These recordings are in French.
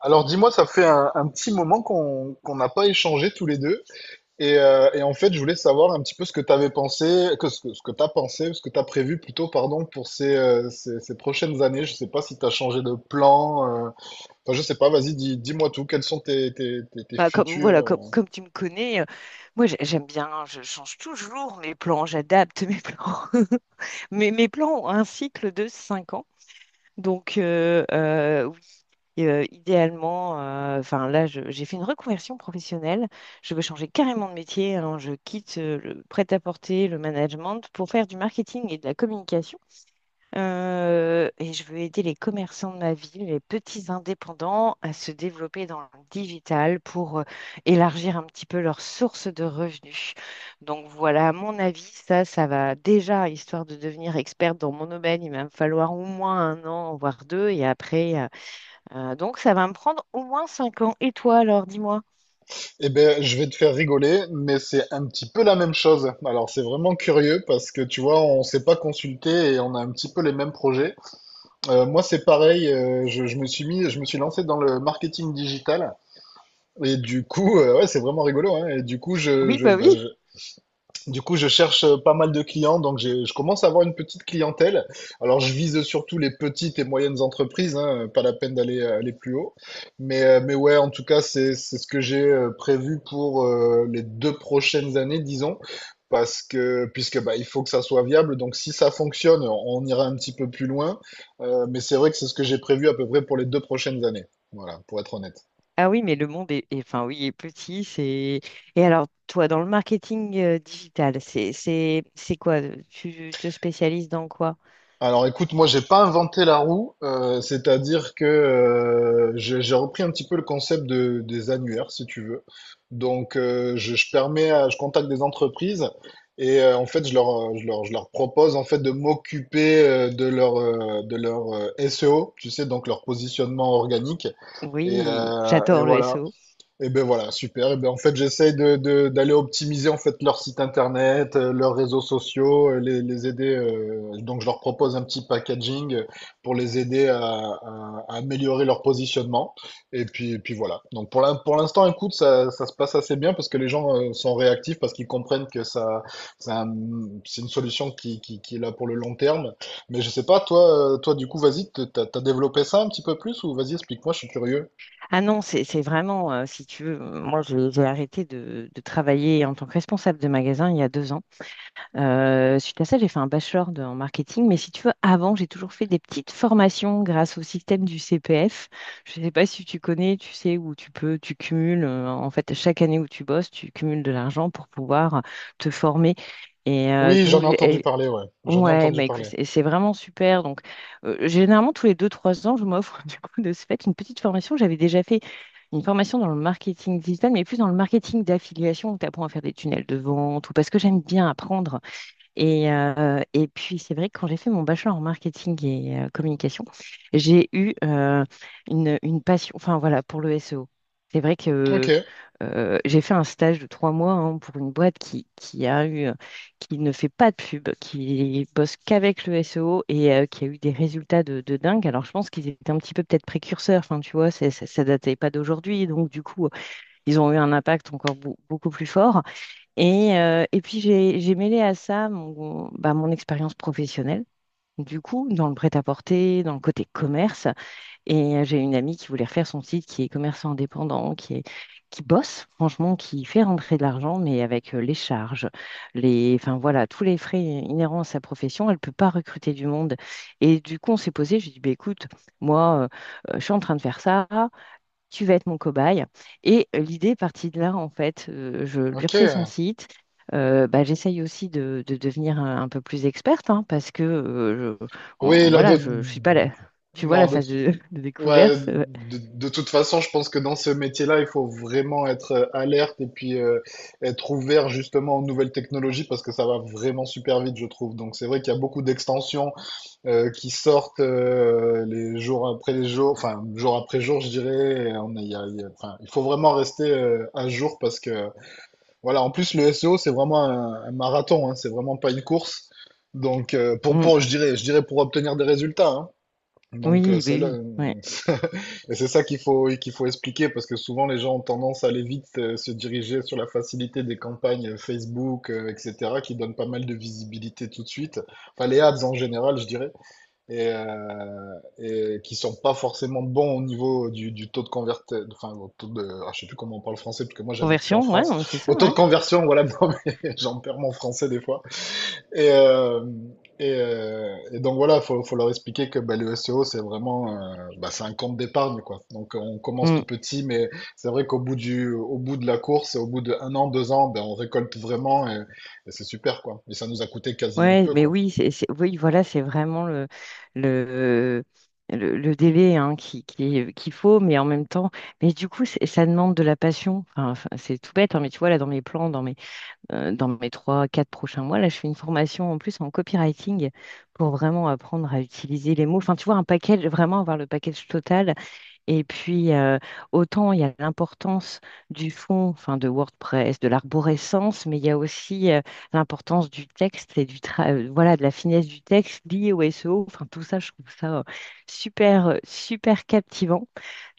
Alors dis-moi, ça fait un petit moment qu'on n'a pas échangé tous les deux. Et en fait, je voulais savoir un petit peu ce que tu avais pensé, que ce que, ce que tu as pensé, ce que tu as prévu pour ces prochaines années. Je sais pas si tu as changé de plan. Enfin, je sais pas, vas-y, dis-moi tout. Quels sont tes Bah, comme futurs... voilà, comme, euh. comme tu me connais, moi j'aime bien, je change toujours mes plans, j'adapte mes plans. Mes plans ont un cycle de 5 ans. Donc oui, idéalement, enfin là j'ai fait une reconversion professionnelle. Je veux changer carrément de métier, hein. Je quitte le prêt-à-porter, le management pour faire du marketing et de la communication. Et je veux aider les commerçants de ma ville, les petits indépendants, à se développer dans le digital pour élargir un petit peu leurs sources de revenus. Donc voilà, à mon avis, ça va déjà, histoire de devenir experte dans mon domaine, il va me falloir au moins un an, voire deux, et après, donc ça va me prendre au moins 5 ans. Et toi, alors, dis-moi. Eh ben, je vais te faire rigoler, mais c'est un petit peu la même chose. Alors, c'est vraiment curieux parce que, tu vois, on s'est pas consulté et on a un petit peu les mêmes projets. Moi, c'est pareil. Je me suis je me suis lancé dans le marketing digital. Et du coup, ouais, c'est vraiment rigolo, hein. Et du coup, Oui, bah oui. Du coup, je cherche pas mal de clients, donc je commence à avoir une petite clientèle. Alors, je vise surtout les petites et moyennes entreprises, hein, pas la peine d'aller aller plus haut. Mais ouais, en tout cas, c'est ce que j'ai prévu pour les deux prochaines années, disons, parce que puisque bah, il faut que ça soit viable. Donc, si ça fonctionne, on ira un petit peu plus loin. Mais c'est vrai que c'est ce que j'ai prévu à peu près pour les deux prochaines années. Voilà, pour être honnête. Ah oui, mais le monde est, enfin oui, est petit. C'est. Et alors, toi, dans le marketing digital, c'est quoi? Tu te spécialises dans quoi? Alors écoute, moi j'ai pas inventé la roue, c'est-à-dire que j'ai repris un petit peu le concept des annuaires, si tu veux. Donc je permets, je contacte des entreprises et en fait je leur, je leur, je leur propose en fait de m'occuper de leur SEO, tu sais, donc leur positionnement organique. Et, Oui, euh, et j'adore le voilà. SEO. Et ben voilà, super. Et ben en fait, j'essaie d'aller optimiser en fait leur site internet, leurs réseaux sociaux, les aider. Donc, je leur propose un petit packaging pour les aider à améliorer leur positionnement. Et puis voilà. Donc pour pour l'instant, écoute, ça se passe assez bien parce que les gens sont réactifs parce qu'ils comprennent que c'est un- c'est une solution qui est là pour le long terme. Mais je sais pas, toi, toi du coup, vas-y, t'as développé ça un petit peu plus ou vas-y, explique-moi, je suis curieux. Ah non, c'est vraiment, si tu veux, moi, j'ai arrêté de travailler en tant que responsable de magasin il y a 2 ans. Suite à ça, j'ai fait un bachelor en marketing, mais si tu veux, avant, j'ai toujours fait des petites formations grâce au système du CPF. Je ne sais pas si tu connais, tu sais, où tu peux, tu cumules, en fait, chaque année où tu bosses, tu cumules de l'argent pour pouvoir te former. Et Oui, j'en donc, ai entendu parler, ouais. J'en ai ouais, entendu bah, écoute, parler. c'est vraiment super. Donc, généralement, tous les deux-trois ans, je m'offre, du coup, de ce fait, une petite formation. J'avais déjà fait une formation dans le marketing digital, mais plus dans le marketing d'affiliation où tu apprends à faire des tunnels de vente ou parce que j'aime bien apprendre et puis, c'est vrai que quand j'ai fait mon bachelor en marketing et communication, j'ai eu une passion, enfin voilà, pour le SEO. C'est vrai Ok, que j'ai fait un stage de 3 mois, hein, pour une boîte qui a eu, qui ne fait pas de pub, qui bosse qu'avec le SEO et qui a eu des résultats de dingue. Alors, je pense qu'ils étaient un petit peu peut-être précurseurs, enfin, tu vois, ça, ça datait pas d'aujourd'hui. Donc, du coup, ils ont eu un impact encore beaucoup plus fort. Et puis j'ai mêlé à ça mon expérience professionnelle, du coup, dans le prêt-à-porter, dans le côté commerce. Et j'ai une amie qui voulait refaire son site, qui est commerçant indépendant, qui bosse, franchement, qui fait rentrer de l'argent, mais avec les charges, enfin voilà, tous les frais inhérents à sa profession, elle ne peut pas recruter du monde. Et du coup, on s'est posé, j'ai dit, bah, écoute, moi, je suis en train de faire ça, tu vas être mon cobaye. Et l'idée est partie de là, en fait. Je lui ok. refais son site. Bah, j'essaye aussi de devenir un peu plus experte, hein, parce que Oui, là, de... voilà, je suis pas là. Tu vois Non, la de... phase de Ouais, découverte. De toute façon, je pense que dans ce métier-là, il faut vraiment être alerte et puis être ouvert justement aux nouvelles technologies parce que ça va vraiment super vite, je trouve. Donc c'est vrai qu'il y a beaucoup d'extensions qui sortent les jours après les jours, enfin jour après jour, je dirais. Et On a- il y a- il y a- enfin, il faut vraiment rester à jour parce que voilà, en plus, le SEO, c'est vraiment un marathon, hein, c'est vraiment pas une course. Donc, Mm. Je dirais pour obtenir des résultats, hein. Donc, Oui, bah c'est là, oui, ouais. euh, Et c'est ça qu'il faut expliquer parce que souvent les gens ont tendance à aller vite se diriger sur la facilité des campagnes Facebook, etc., qui donnent pas mal de visibilité tout de suite. Enfin, les ads en général, je dirais et qui sont pas forcément bons au niveau du taux de conversion, enfin au taux ah, je sais plus comment on parle français parce que moi j'habite plus en Conversion, ouais, non, mais c'est France, au ça, taux de ouais. conversion, voilà, non, mais j'en perds mon français des fois. Et, euh, et donc voilà, faut leur expliquer que bah, le SEO c'est vraiment, c'est un compte d'épargne quoi. Donc on commence Mm. tout petit, mais c'est vrai qu'au bout au bout de la course, au bout de un an, deux ans, ben on récolte vraiment et c'est super quoi. Et ça nous a coûté quasiment Ouais, peu mais quoi. oui, oui, voilà, c'est vraiment le, le délai, hein, qu'il faut, mais en même temps, mais du coup, ça demande de la passion. Enfin, c'est tout bête, hein, mais tu vois, là, dans mes plans, dans mes trois, quatre prochains mois. Là, je fais une formation en plus en copywriting pour vraiment apprendre à utiliser les mots. Enfin, tu vois, un package, vraiment avoir le package total. Et puis, autant il y a l'importance du fond, enfin, de WordPress, de l'arborescence, mais il y a aussi l'importance du texte et du voilà, de la finesse du texte liée au SEO. Enfin, tout ça, je trouve ça super, super captivant.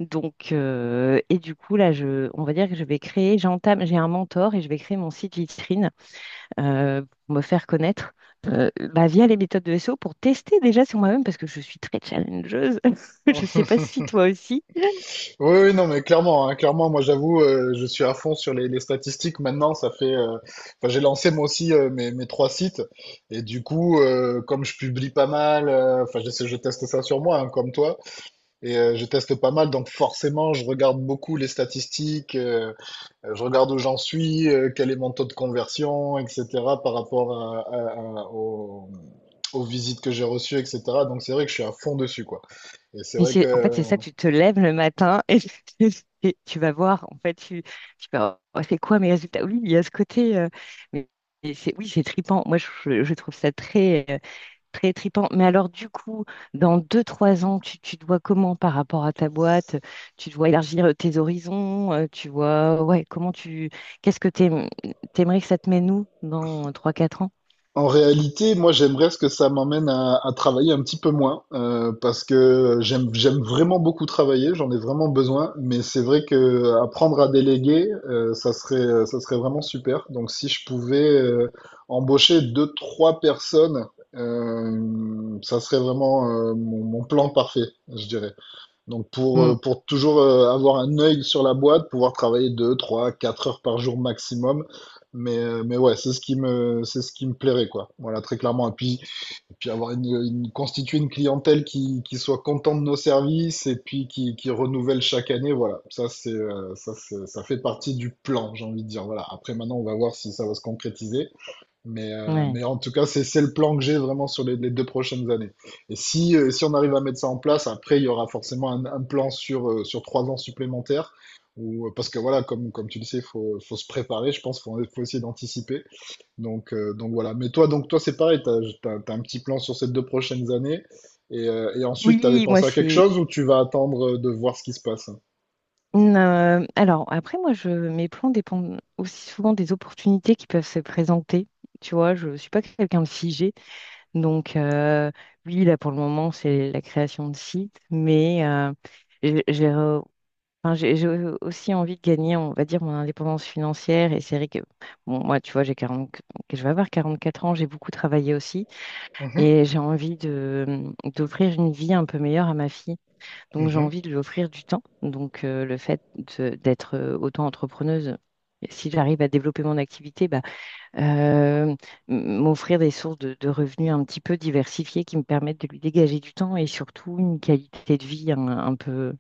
Donc, et du coup, là, on va dire que je vais créer, j'entame, j'ai un mentor et je vais créer mon site vitrine pour me faire connaître, bah, via les méthodes de SEO pour tester déjà sur moi-même parce que je suis très challengeuse. Je ne sais pas si toi aussi. Oui, oui, non, mais clairement, hein, clairement, moi j'avoue, je suis à fond sur les statistiques maintenant. Ça fait, enfin, j'ai lancé moi aussi mes trois sites, et du coup, comme je publie pas mal, enfin, je teste ça sur moi, hein, comme toi, et je teste pas mal, donc forcément, je regarde beaucoup les statistiques, je regarde où j'en suis, quel est mon taux de conversion, etc., par rapport à, à- à- aux, aux visites que j'ai reçues, etc. Donc c'est vrai que je suis à fond dessus, quoi. Et c'est Mais vrai que en fait, c'est ça, tu te lèves le matin et et tu vas voir, en fait, tu fais, oh, c'est quoi mes résultats? Oui, il y a ce côté, mais mais c'est, oui, c'est trippant. Moi, je trouve ça très trippant. Mais alors, du coup, dans deux, trois ans, tu te vois comment par rapport à ta boîte? Tu te vois élargir tes horizons? Tu vois, ouais, qu'est-ce que t'aimerais que ça te mène où dans trois, quatre ans? en réalité, moi, j'aimerais ce que ça m'emmène à travailler un petit peu moins, parce que j'aime vraiment beaucoup travailler, j'en ai vraiment besoin, mais c'est vrai que apprendre à déléguer, ça serait vraiment super. Donc, si je pouvais embaucher deux, trois personnes, ça serait vraiment mon plan parfait, je dirais. Donc Hmm, pour toujours avoir un œil sur la boîte, pouvoir travailler 2, 3, 4 heures par jour maximum. Mais ouais, c'est ce qui me plairait, quoi. Voilà, très clairement. Et puis avoir constituer une clientèle qui soit contente de nos services et puis qui renouvelle chaque année. Voilà, ça, ça fait partie du plan, j'ai envie de dire. Voilà, après, maintenant, on va voir si ça va se concrétiser. Mais, euh, ouais. mais en tout cas, c'est le plan que j'ai vraiment sur les deux prochaines années. Et si, si on arrive à mettre ça en place, après, il y aura forcément un plan sur, sur trois ans supplémentaires. Ou, parce que voilà, comme tu le sais, faut se préparer, je pense, faut essayer d'anticiper. Donc voilà. Mais toi, donc toi, c'est pareil, t'as un petit plan sur ces deux prochaines années. Et ensuite, t'avais Oui, moi, pensé à quelque c'est. chose ou tu vas attendre de voir ce qui se passe? Alors, après, moi, mes plans dépendent aussi souvent des opportunités qui peuvent se présenter. Tu vois, je ne suis pas quelqu'un de figé. Donc, oui, là, pour le moment, c'est la création de sites. Mais j'ai enfin, j'ai aussi envie de gagner, on va dire, mon indépendance financière. Et c'est vrai que, bon, moi, tu vois, j'ai 40, je vais avoir 44 ans, j'ai beaucoup travaillé aussi. Mhm, Et j'ai envie d'offrir une vie un peu meilleure à ma fille. Donc, j'ai mhm, envie de lui offrir du temps. Donc, le fait d'être auto-entrepreneuse, si j'arrive à développer mon activité, bah, euh, m'offrir des sources de revenus un petit peu diversifiées qui me permettent de lui dégager du temps et surtout une qualité de vie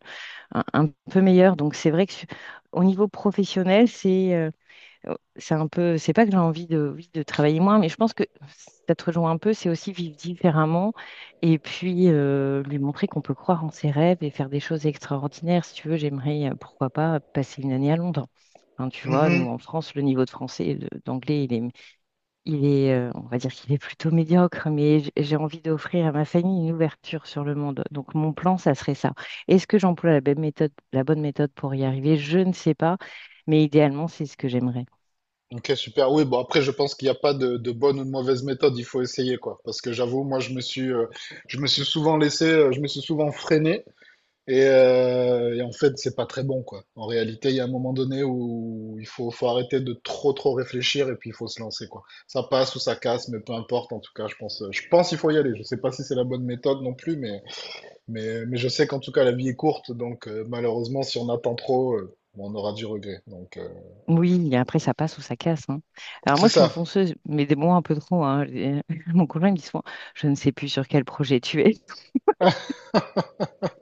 un peu meilleur. Donc c'est vrai que au niveau professionnel, c'est un peu, c'est pas que j'ai envie de, oui, de travailler moins, mais je pense que ça te rejoint un peu, c'est aussi vivre différemment et puis lui montrer qu'on peut croire en ses rêves et faire des choses extraordinaires. Si tu veux, j'aimerais, pourquoi pas, passer une année à Londres. Hein, tu vois, nous mhm. en France, le niveau de français et d'anglais, on va dire qu'il est plutôt médiocre, mais j'ai envie d'offrir à ma famille une ouverture sur le monde. Donc mon plan, ça serait ça. Est-ce que j'emploie la bonne méthode pour y arriver? Je ne sais pas, mais idéalement, c'est ce que j'aimerais. Ok, super. Oui, bon, après, je pense qu'il n'y a pas de bonne ou de mauvaise méthode. Il faut essayer, quoi. Parce que j'avoue, moi, je me suis souvent laissé, je me suis souvent freiné. Et en fait, c'est pas très bon, quoi. En réalité, il y a un moment donné où faut arrêter de trop réfléchir et puis il faut se lancer, quoi. Ça passe ou ça casse, mais peu importe. En tout cas, je pense qu'il faut y aller. Je sais pas si c'est la bonne méthode non plus, mais je sais qu'en tout cas, la vie est courte. Donc, malheureusement, si on attend trop, on aura du regret. Donc, Oui, et après, ça passe ou ça casse, hein. Alors moi, c'est je suis une ça. fonceuse, mais des mots un peu trop, hein. Mon conjoint, il me dit souvent, je ne sais plus sur quel projet tu es.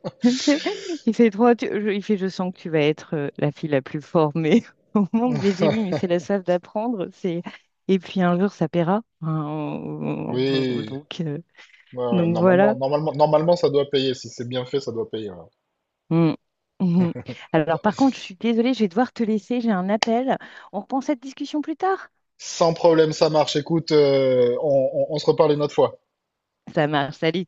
Tu sais, il fait trois, il fait, je sens que tu vas être la fille la plus formée au monde. Mais j'ai dit, oui, mais c'est la soif d'apprendre. C'est Et puis un jour ça paiera, hein, euh, Oui. donc euh, Ouais, ouais, donc voilà. Normalement, ça doit payer. Si c'est bien fait, ça doit payer, ouais. Mm. Mhm. Alors par contre, je suis désolée, je vais devoir te laisser. J'ai un appel. On reprend cette discussion plus tard. Sans problème, ça marche. Écoute, on se reparle une autre fois. Ça marche. Salut.